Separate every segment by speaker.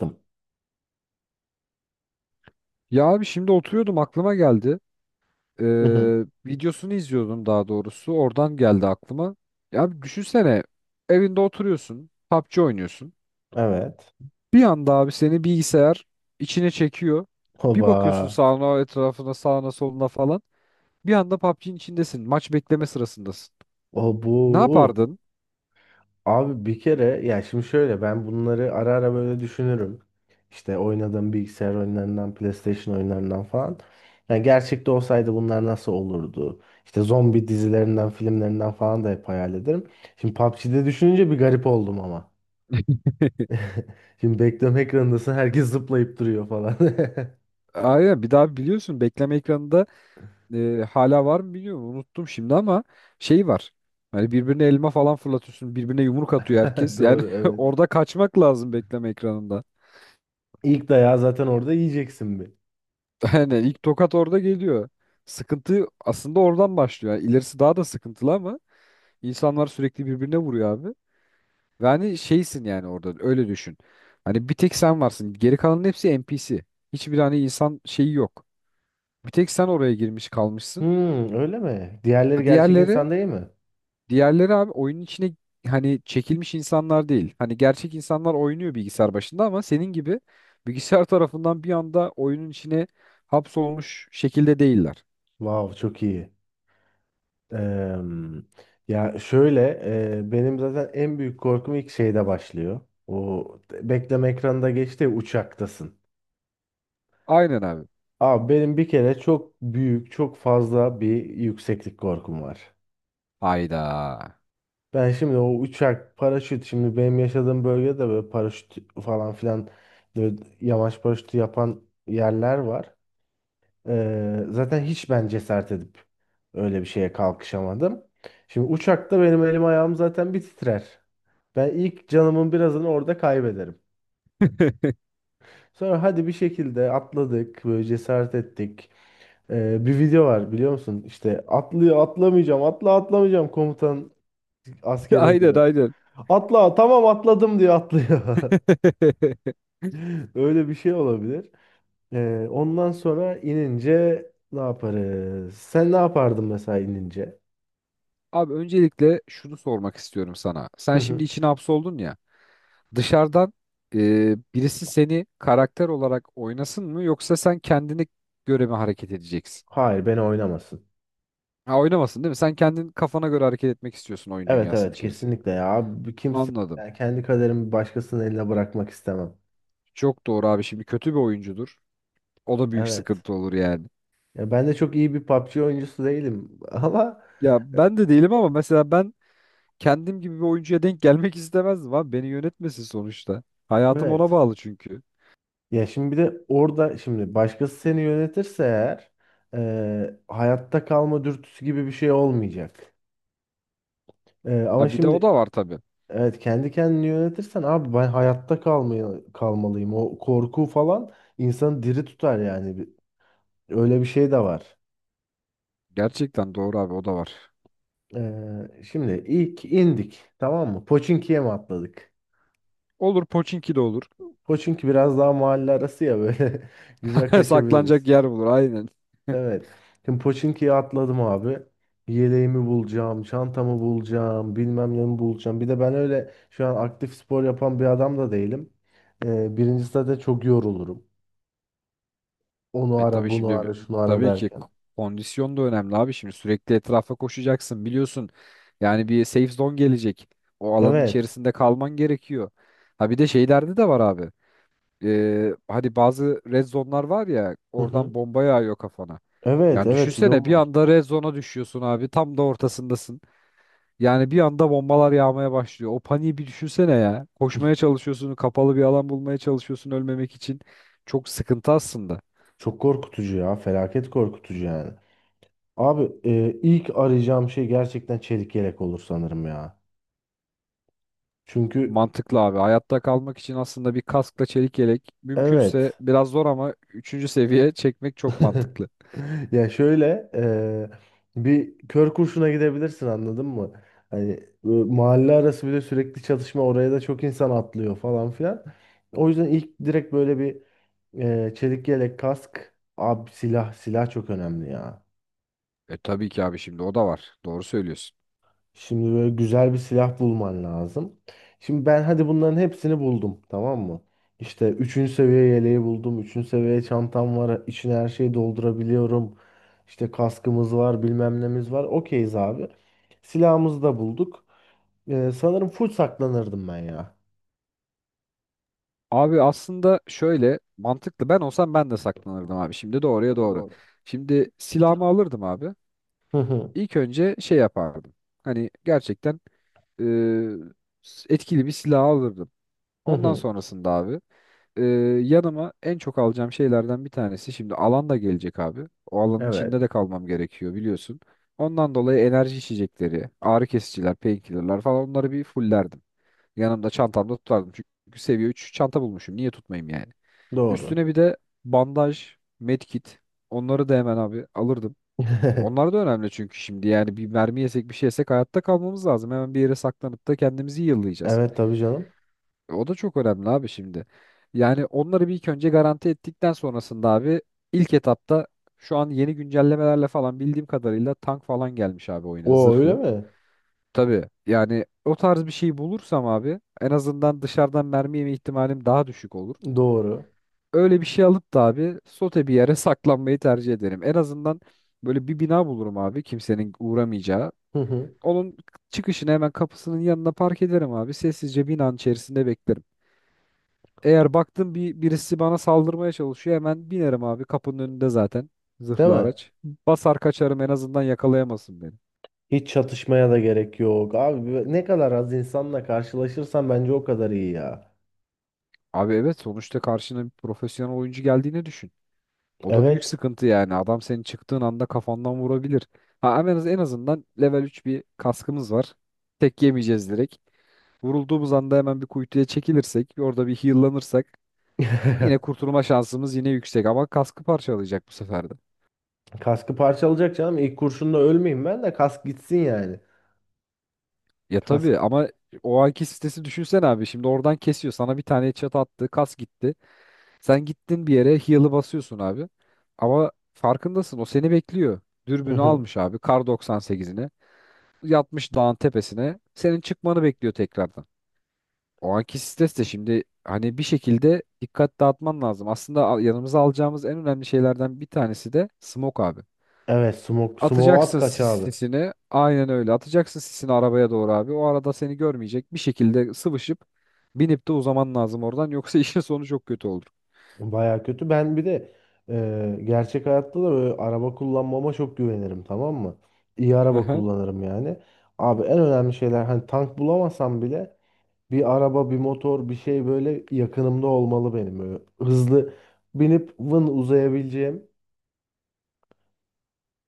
Speaker 1: Yaptım.
Speaker 2: Ya abi şimdi oturuyordum aklıma geldi. Ee,
Speaker 1: Hı hı.
Speaker 2: Videosunu izliyordum daha doğrusu. Oradan geldi aklıma. Ya abi düşünsene evinde oturuyorsun. PUBG oynuyorsun.
Speaker 1: Evet.
Speaker 2: Bir anda abi seni bilgisayar içine çekiyor. Bir bakıyorsun
Speaker 1: Oba.
Speaker 2: sağına etrafına sağına soluna falan. Bir anda PUBG'nin içindesin. Maç bekleme sırasındasın.
Speaker 1: O
Speaker 2: Ne
Speaker 1: bu.
Speaker 2: yapardın?
Speaker 1: Abi bir kere ya şimdi şöyle ben bunları ara ara böyle düşünürüm. İşte oynadığım bilgisayar oyunlarından, PlayStation oyunlarından falan. Yani gerçekte olsaydı bunlar nasıl olurdu? İşte zombi dizilerinden, filmlerinden falan da hep hayal ederim. Şimdi PUBG'de düşününce bir garip oldum ama. Şimdi bekleme ekranındasın, herkes zıplayıp duruyor falan.
Speaker 2: Aynen, bir daha biliyorsun bekleme ekranında hala var mı bilmiyorum unuttum şimdi ama şey var. Hani birbirine elma falan fırlatıyorsun, birbirine yumruk atıyor herkes. Yani
Speaker 1: Doğru, evet.
Speaker 2: orada kaçmak lazım bekleme ekranında.
Speaker 1: İlk dayağı zaten orada yiyeceksin bir.
Speaker 2: Yani ilk tokat orada geliyor. Sıkıntı aslında oradan başlıyor. Yani ilerisi daha da sıkıntılı ama insanlar sürekli birbirine vuruyor abi. Ve hani şeysin yani orada öyle düşün. Hani bir tek sen varsın. Geri kalanın hepsi NPC. Hiçbir hani insan şeyi yok. Bir tek sen oraya girmiş kalmışsın.
Speaker 1: Hmm, öyle mi? Diğerleri gerçek
Speaker 2: Diğerleri
Speaker 1: insan değil mi?
Speaker 2: Diğerleri abi oyunun içine hani çekilmiş insanlar değil. Hani gerçek insanlar oynuyor bilgisayar başında ama senin gibi bilgisayar tarafından bir anda oyunun içine hapsolmuş şekilde değiller.
Speaker 1: Wow, çok iyi. Eee, ya şöyle, benim zaten en büyük korkum ilk şeyde başlıyor. O bekleme ekranında geçti ya, uçaktasın.
Speaker 2: Aynen abi.
Speaker 1: Abi benim bir kere çok büyük, çok fazla bir yükseklik korkum var.
Speaker 2: Hayda.
Speaker 1: Ben şimdi o uçak, paraşüt, şimdi benim yaşadığım bölgede böyle paraşüt falan filan, böyle yamaç paraşütü yapan yerler var. Zaten hiç ben cesaret edip öyle bir şeye kalkışamadım. Şimdi uçakta benim elim ayağım zaten bir titrer. Ben ilk canımın birazını orada kaybederim. Sonra hadi bir şekilde atladık, böyle cesaret ettik. Bir video var, biliyor musun? İşte atlıyor, atlamayacağım, atla atlamayacağım, komutan askere
Speaker 2: Aynen
Speaker 1: diyor.
Speaker 2: aynen.
Speaker 1: Atla, tamam atladım diyor, atlıyor. Öyle bir şey olabilir. Ondan sonra inince ne yaparız? Sen ne yapardın mesela inince?
Speaker 2: Abi öncelikle şunu sormak istiyorum sana. Sen şimdi içine hapsoldun ya. Dışarıdan birisi seni karakter olarak oynasın mı yoksa sen kendine göre mi hareket edeceksin?
Speaker 1: Hayır, beni oynamasın.
Speaker 2: Ha, oynamasın değil mi? Sen kendin kafana göre hareket etmek istiyorsun oyun
Speaker 1: Evet,
Speaker 2: dünyasının
Speaker 1: evet,
Speaker 2: içerisinde.
Speaker 1: kesinlikle ya. Bu Kimse
Speaker 2: Anladım.
Speaker 1: yani kendi kaderimi başkasının eline bırakmak istemem.
Speaker 2: Çok doğru abi. Şimdi kötü bir oyuncudur. O da büyük
Speaker 1: Evet.
Speaker 2: sıkıntı olur yani.
Speaker 1: Ya ben de çok iyi bir PUBG oyuncusu değilim, ama
Speaker 2: Ya ben de değilim ama mesela ben kendim gibi bir oyuncuya denk gelmek istemezdim abi. Beni yönetmesin sonuçta. Hayatım ona
Speaker 1: evet.
Speaker 2: bağlı çünkü.
Speaker 1: Ya şimdi bir de orada, şimdi başkası seni yönetirse eğer, hayatta kalma dürtüsü gibi bir şey olmayacak. E,
Speaker 2: Ha
Speaker 1: ama
Speaker 2: bir de o
Speaker 1: şimdi,
Speaker 2: da var tabii.
Speaker 1: evet, kendi kendini yönetirsen abi ben hayatta kalmayı, kalmalıyım. O korku falan insanı diri tutar yani. Öyle bir şey de var.
Speaker 2: Gerçekten doğru abi, o da var.
Speaker 1: Şimdi ilk indik, tamam mı? Pochinki'ye mi atladık?
Speaker 2: Olur, Pochinki de olur.
Speaker 1: Pochinki biraz daha mahalle arası ya, böyle güzel kaçabiliriz.
Speaker 2: Saklanacak yer bulur aynen.
Speaker 1: Evet. Şimdi Pochinki'ye atladım abi. Yeleğimi bulacağım, çantamı bulacağım, bilmem ne bulacağım. Bir de ben öyle şu an aktif spor yapan bir adam da değilim. Birincisi zaten çok yorulurum. Onu
Speaker 2: E
Speaker 1: ara,
Speaker 2: tabii
Speaker 1: bunu
Speaker 2: şimdi
Speaker 1: ara, şunu ara
Speaker 2: tabii ki
Speaker 1: derken.
Speaker 2: k- kondisyon da önemli abi. Şimdi sürekli etrafa koşacaksın biliyorsun. Yani bir safe zone gelecek. O alanın
Speaker 1: Evet.
Speaker 2: içerisinde kalman gerekiyor. Ha bir de şeylerde de var abi. Hani bazı red zone'lar var ya,
Speaker 1: Hı
Speaker 2: oradan
Speaker 1: hı.
Speaker 2: bomba yağıyor kafana.
Speaker 1: Evet,
Speaker 2: Yani
Speaker 1: evet, bir de
Speaker 2: düşünsene
Speaker 1: o
Speaker 2: bir
Speaker 1: var.
Speaker 2: anda red zone'a düşüyorsun abi. Tam da ortasındasın. Yani bir anda bombalar yağmaya başlıyor. O paniği bir düşünsene ya. Koşmaya çalışıyorsun, kapalı bir alan bulmaya çalışıyorsun ölmemek için. Çok sıkıntı aslında.
Speaker 1: Çok korkutucu ya. Felaket korkutucu yani. Abi, ilk arayacağım şey gerçekten çelik yelek olur sanırım ya. Çünkü
Speaker 2: Mantıklı abi. Hayatta kalmak için aslında bir kaskla çelik yelek
Speaker 1: evet.
Speaker 2: mümkünse, biraz zor ama üçüncü seviye çekmek çok mantıklı.
Speaker 1: Ya şöyle, bir kör kurşuna gidebilirsin, anladın mı? Hani, mahalle arası, bir de sürekli çatışma, oraya da çok insan atlıyor falan filan. O yüzden ilk direkt böyle bir, çelik yelek, kask abi, silah, silah çok önemli ya.
Speaker 2: E tabii ki abi, şimdi o da var. Doğru söylüyorsun.
Speaker 1: Şimdi böyle güzel bir silah bulman lazım. Şimdi ben hadi bunların hepsini buldum, tamam mı? İşte üçüncü seviye yeleği buldum. Üçüncü seviye çantam var. İçine her şeyi doldurabiliyorum. İşte kaskımız var, bilmem nemiz var. Okeyiz abi. Silahımızı da bulduk. Sanırım full saklanırdım ben ya.
Speaker 2: Abi, aslında şöyle mantıklı. Ben olsam ben de saklanırdım abi. Şimdi doğruya doğru. Şimdi silahımı alırdım abi.
Speaker 1: Hı hı,
Speaker 2: İlk önce şey yapardım. Hani gerçekten etkili bir silah alırdım.
Speaker 1: hı
Speaker 2: Ondan
Speaker 1: hı.
Speaker 2: sonrasında abi, e, yanıma en çok alacağım şeylerden bir tanesi şimdi alan da gelecek abi. O alanın içinde
Speaker 1: Evet,
Speaker 2: de kalmam gerekiyor biliyorsun. Ondan dolayı enerji içecekleri, ağrı kesiciler, painkillerler falan onları bir fullerdim. Yanımda çantamda tutardım. Çünkü seviye 3 çanta bulmuşum. Niye tutmayayım yani?
Speaker 1: doğru.
Speaker 2: Üstüne bir de bandaj, medkit, onları da hemen abi alırdım. Onlar da önemli çünkü şimdi yani bir mermi yesek bir şey yesek hayatta kalmamız lazım. Hemen bir yere saklanıp da kendimizi yıllayacağız.
Speaker 1: Evet, tabii canım.
Speaker 2: O da çok önemli abi şimdi. Yani onları bir ilk önce garanti ettikten sonrasında abi ilk etapta şu an yeni güncellemelerle falan bildiğim kadarıyla tank falan gelmiş abi oyuna,
Speaker 1: O öyle
Speaker 2: zırhlı.
Speaker 1: mi?
Speaker 2: Tabii yani o tarz bir şey bulursam abi, en azından dışarıdan mermi yeme ihtimalim daha düşük olur.
Speaker 1: Doğru.
Speaker 2: Öyle bir şey alıp da abi sote bir yere saklanmayı tercih ederim. En azından böyle bir bina bulurum abi, kimsenin uğramayacağı.
Speaker 1: Hı hı.
Speaker 2: Onun çıkışını hemen kapısının yanına park ederim abi. Sessizce binanın içerisinde beklerim. Eğer baktım birisi bana saldırmaya çalışıyor hemen binerim abi, kapının önünde zaten
Speaker 1: Değil
Speaker 2: zırhlı
Speaker 1: mi?
Speaker 2: araç. Basar kaçarım, en azından yakalayamasın beni.
Speaker 1: Hiç çatışmaya da gerek yok. Abi ne kadar az insanla karşılaşırsan bence o kadar iyi ya.
Speaker 2: Abi evet, sonuçta karşına bir profesyonel oyuncu geldiğini düşün. O da büyük
Speaker 1: Evet.
Speaker 2: sıkıntı yani, adam senin çıktığın anda kafandan vurabilir. Ha, en azından level 3 bir kaskımız var. Tek yemeyeceğiz direkt. Vurulduğumuz anda hemen bir kuytuya çekilirsek, orada bir heal'lanırsak yine kurtulma şansımız yine yüksek ama kaskı parçalayacak bu sefer de.
Speaker 1: Kaskı parçalayacak canım. İlk kurşunla ölmeyeyim, ben de kask gitsin yani.
Speaker 2: Ya
Speaker 1: Kask.
Speaker 2: tabii ama o anki sitesi düşünsen abi. Şimdi oradan kesiyor. Sana bir tane çat attı. Kas gitti. Sen gittin bir yere heal'ı basıyorsun abi. Ama farkındasın, o seni bekliyor.
Speaker 1: Hı
Speaker 2: Dürbünü
Speaker 1: hı.
Speaker 2: almış abi, kar 98'ini. Yatmış dağın tepesine. Senin çıkmanı bekliyor tekrardan. O anki stres de şimdi hani bir şekilde dikkat dağıtman lazım. Aslında yanımıza alacağımız en önemli şeylerden bir tanesi de smoke abi.
Speaker 1: Evet, smoke, smoke at
Speaker 2: Atacaksın
Speaker 1: kaç
Speaker 2: sis,
Speaker 1: abi.
Speaker 2: sisini. Aynen öyle. Atacaksın sisini arabaya doğru abi. O arada seni görmeyecek. Bir şekilde sıvışıp binip de uzaman lazım oradan. Yoksa işin sonu çok kötü olur.
Speaker 1: Baya kötü. Ben bir de, gerçek hayatta da böyle araba kullanmama çok güvenirim, tamam mı? İyi araba
Speaker 2: Aha.
Speaker 1: kullanırım yani. Abi en önemli şeyler, hani tank bulamasam bile bir araba, bir motor, bir şey böyle yakınımda olmalı benim. Böyle hızlı binip vın uzayabileceğim,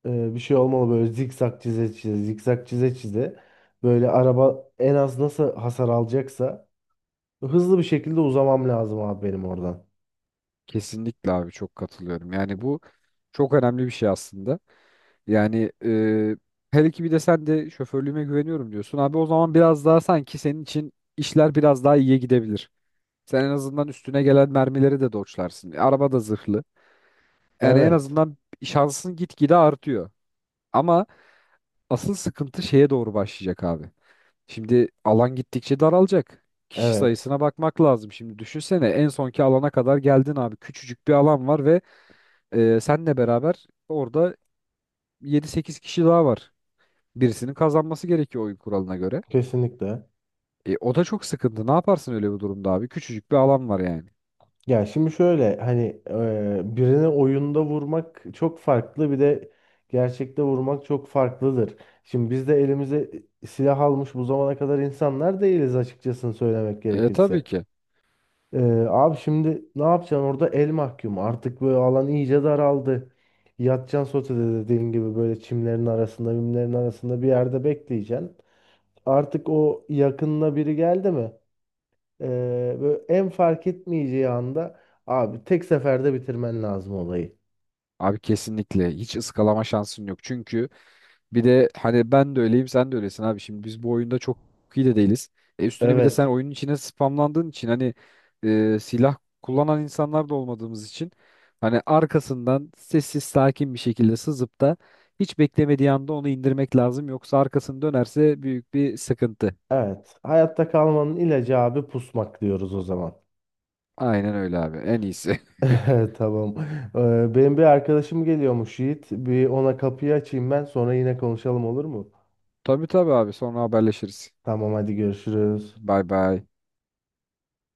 Speaker 1: bir şey olmalı. Böyle zikzak çize çize, zikzak çize çize. Böyle araba en az nasıl hasar alacaksa hızlı bir şekilde uzamam lazım abi benim oradan.
Speaker 2: Kesinlikle abi, çok katılıyorum. Yani bu çok önemli bir şey aslında. Yani, hele ki bir de sen de şoförlüğüme güveniyorum diyorsun. Abi o zaman biraz daha sanki senin için işler biraz daha iyiye gidebilir. Sen en azından üstüne gelen mermileri de dodge'larsın. Araba da zırhlı. Yani en
Speaker 1: Evet,
Speaker 2: azından şansın gitgide artıyor. Ama asıl sıkıntı şeye doğru başlayacak abi. Şimdi alan gittikçe daralacak. Kişi
Speaker 1: evet.
Speaker 2: sayısına bakmak lazım. Şimdi düşünsene en sonki alana kadar geldin abi. Küçücük bir alan var ve senle beraber orada yedi sekiz kişi daha var. Birisinin kazanması gerekiyor oyun kuralına göre.
Speaker 1: Kesinlikle.
Speaker 2: E, o da çok sıkıntı. Ne yaparsın öyle bir durumda abi? Küçücük bir alan var yani.
Speaker 1: Ya şimdi şöyle, hani, birini oyunda vurmak çok farklı, bir de gerçekte vurmak çok farklıdır. Şimdi biz de elimize silah almış bu zamana kadar insanlar değiliz, açıkçası söylemek
Speaker 2: E, tabii
Speaker 1: gerekirse.
Speaker 2: ki.
Speaker 1: E, abi şimdi ne yapacaksın orada, el mahkum artık, böyle alan iyice daraldı. Yatacaksın sotede dediğin gibi, böyle çimlerin arasında, mimlerin arasında bir yerde bekleyeceksin. Artık o, yakınına biri geldi mi, Ee, böyle en fark etmeyeceği anda abi tek seferde bitirmen lazım olayı.
Speaker 2: Abi kesinlikle hiç ıskalama şansın yok. Çünkü bir de hani ben de öyleyim sen de öylesin abi. Şimdi biz bu oyunda çok iyi de değiliz. Üstüne bir de sen
Speaker 1: Evet.
Speaker 2: oyunun içine spamlandığın için, hani silah kullanan insanlar da olmadığımız için hani arkasından sessiz sakin bir şekilde sızıp da hiç beklemediği anda onu indirmek lazım. Yoksa arkasını dönerse büyük bir sıkıntı.
Speaker 1: Evet. Hayatta kalmanın ilacı abi pusmak, diyoruz o zaman.
Speaker 2: Aynen öyle abi, en iyisi.
Speaker 1: Tamam. Benim bir arkadaşım geliyormuş, Yiğit. Bir ona kapıyı açayım, ben sonra yine konuşalım, olur mu?
Speaker 2: Tabii tabii abi, sonra haberleşiriz.
Speaker 1: Tamam, hadi görüşürüz.
Speaker 2: Bay bay.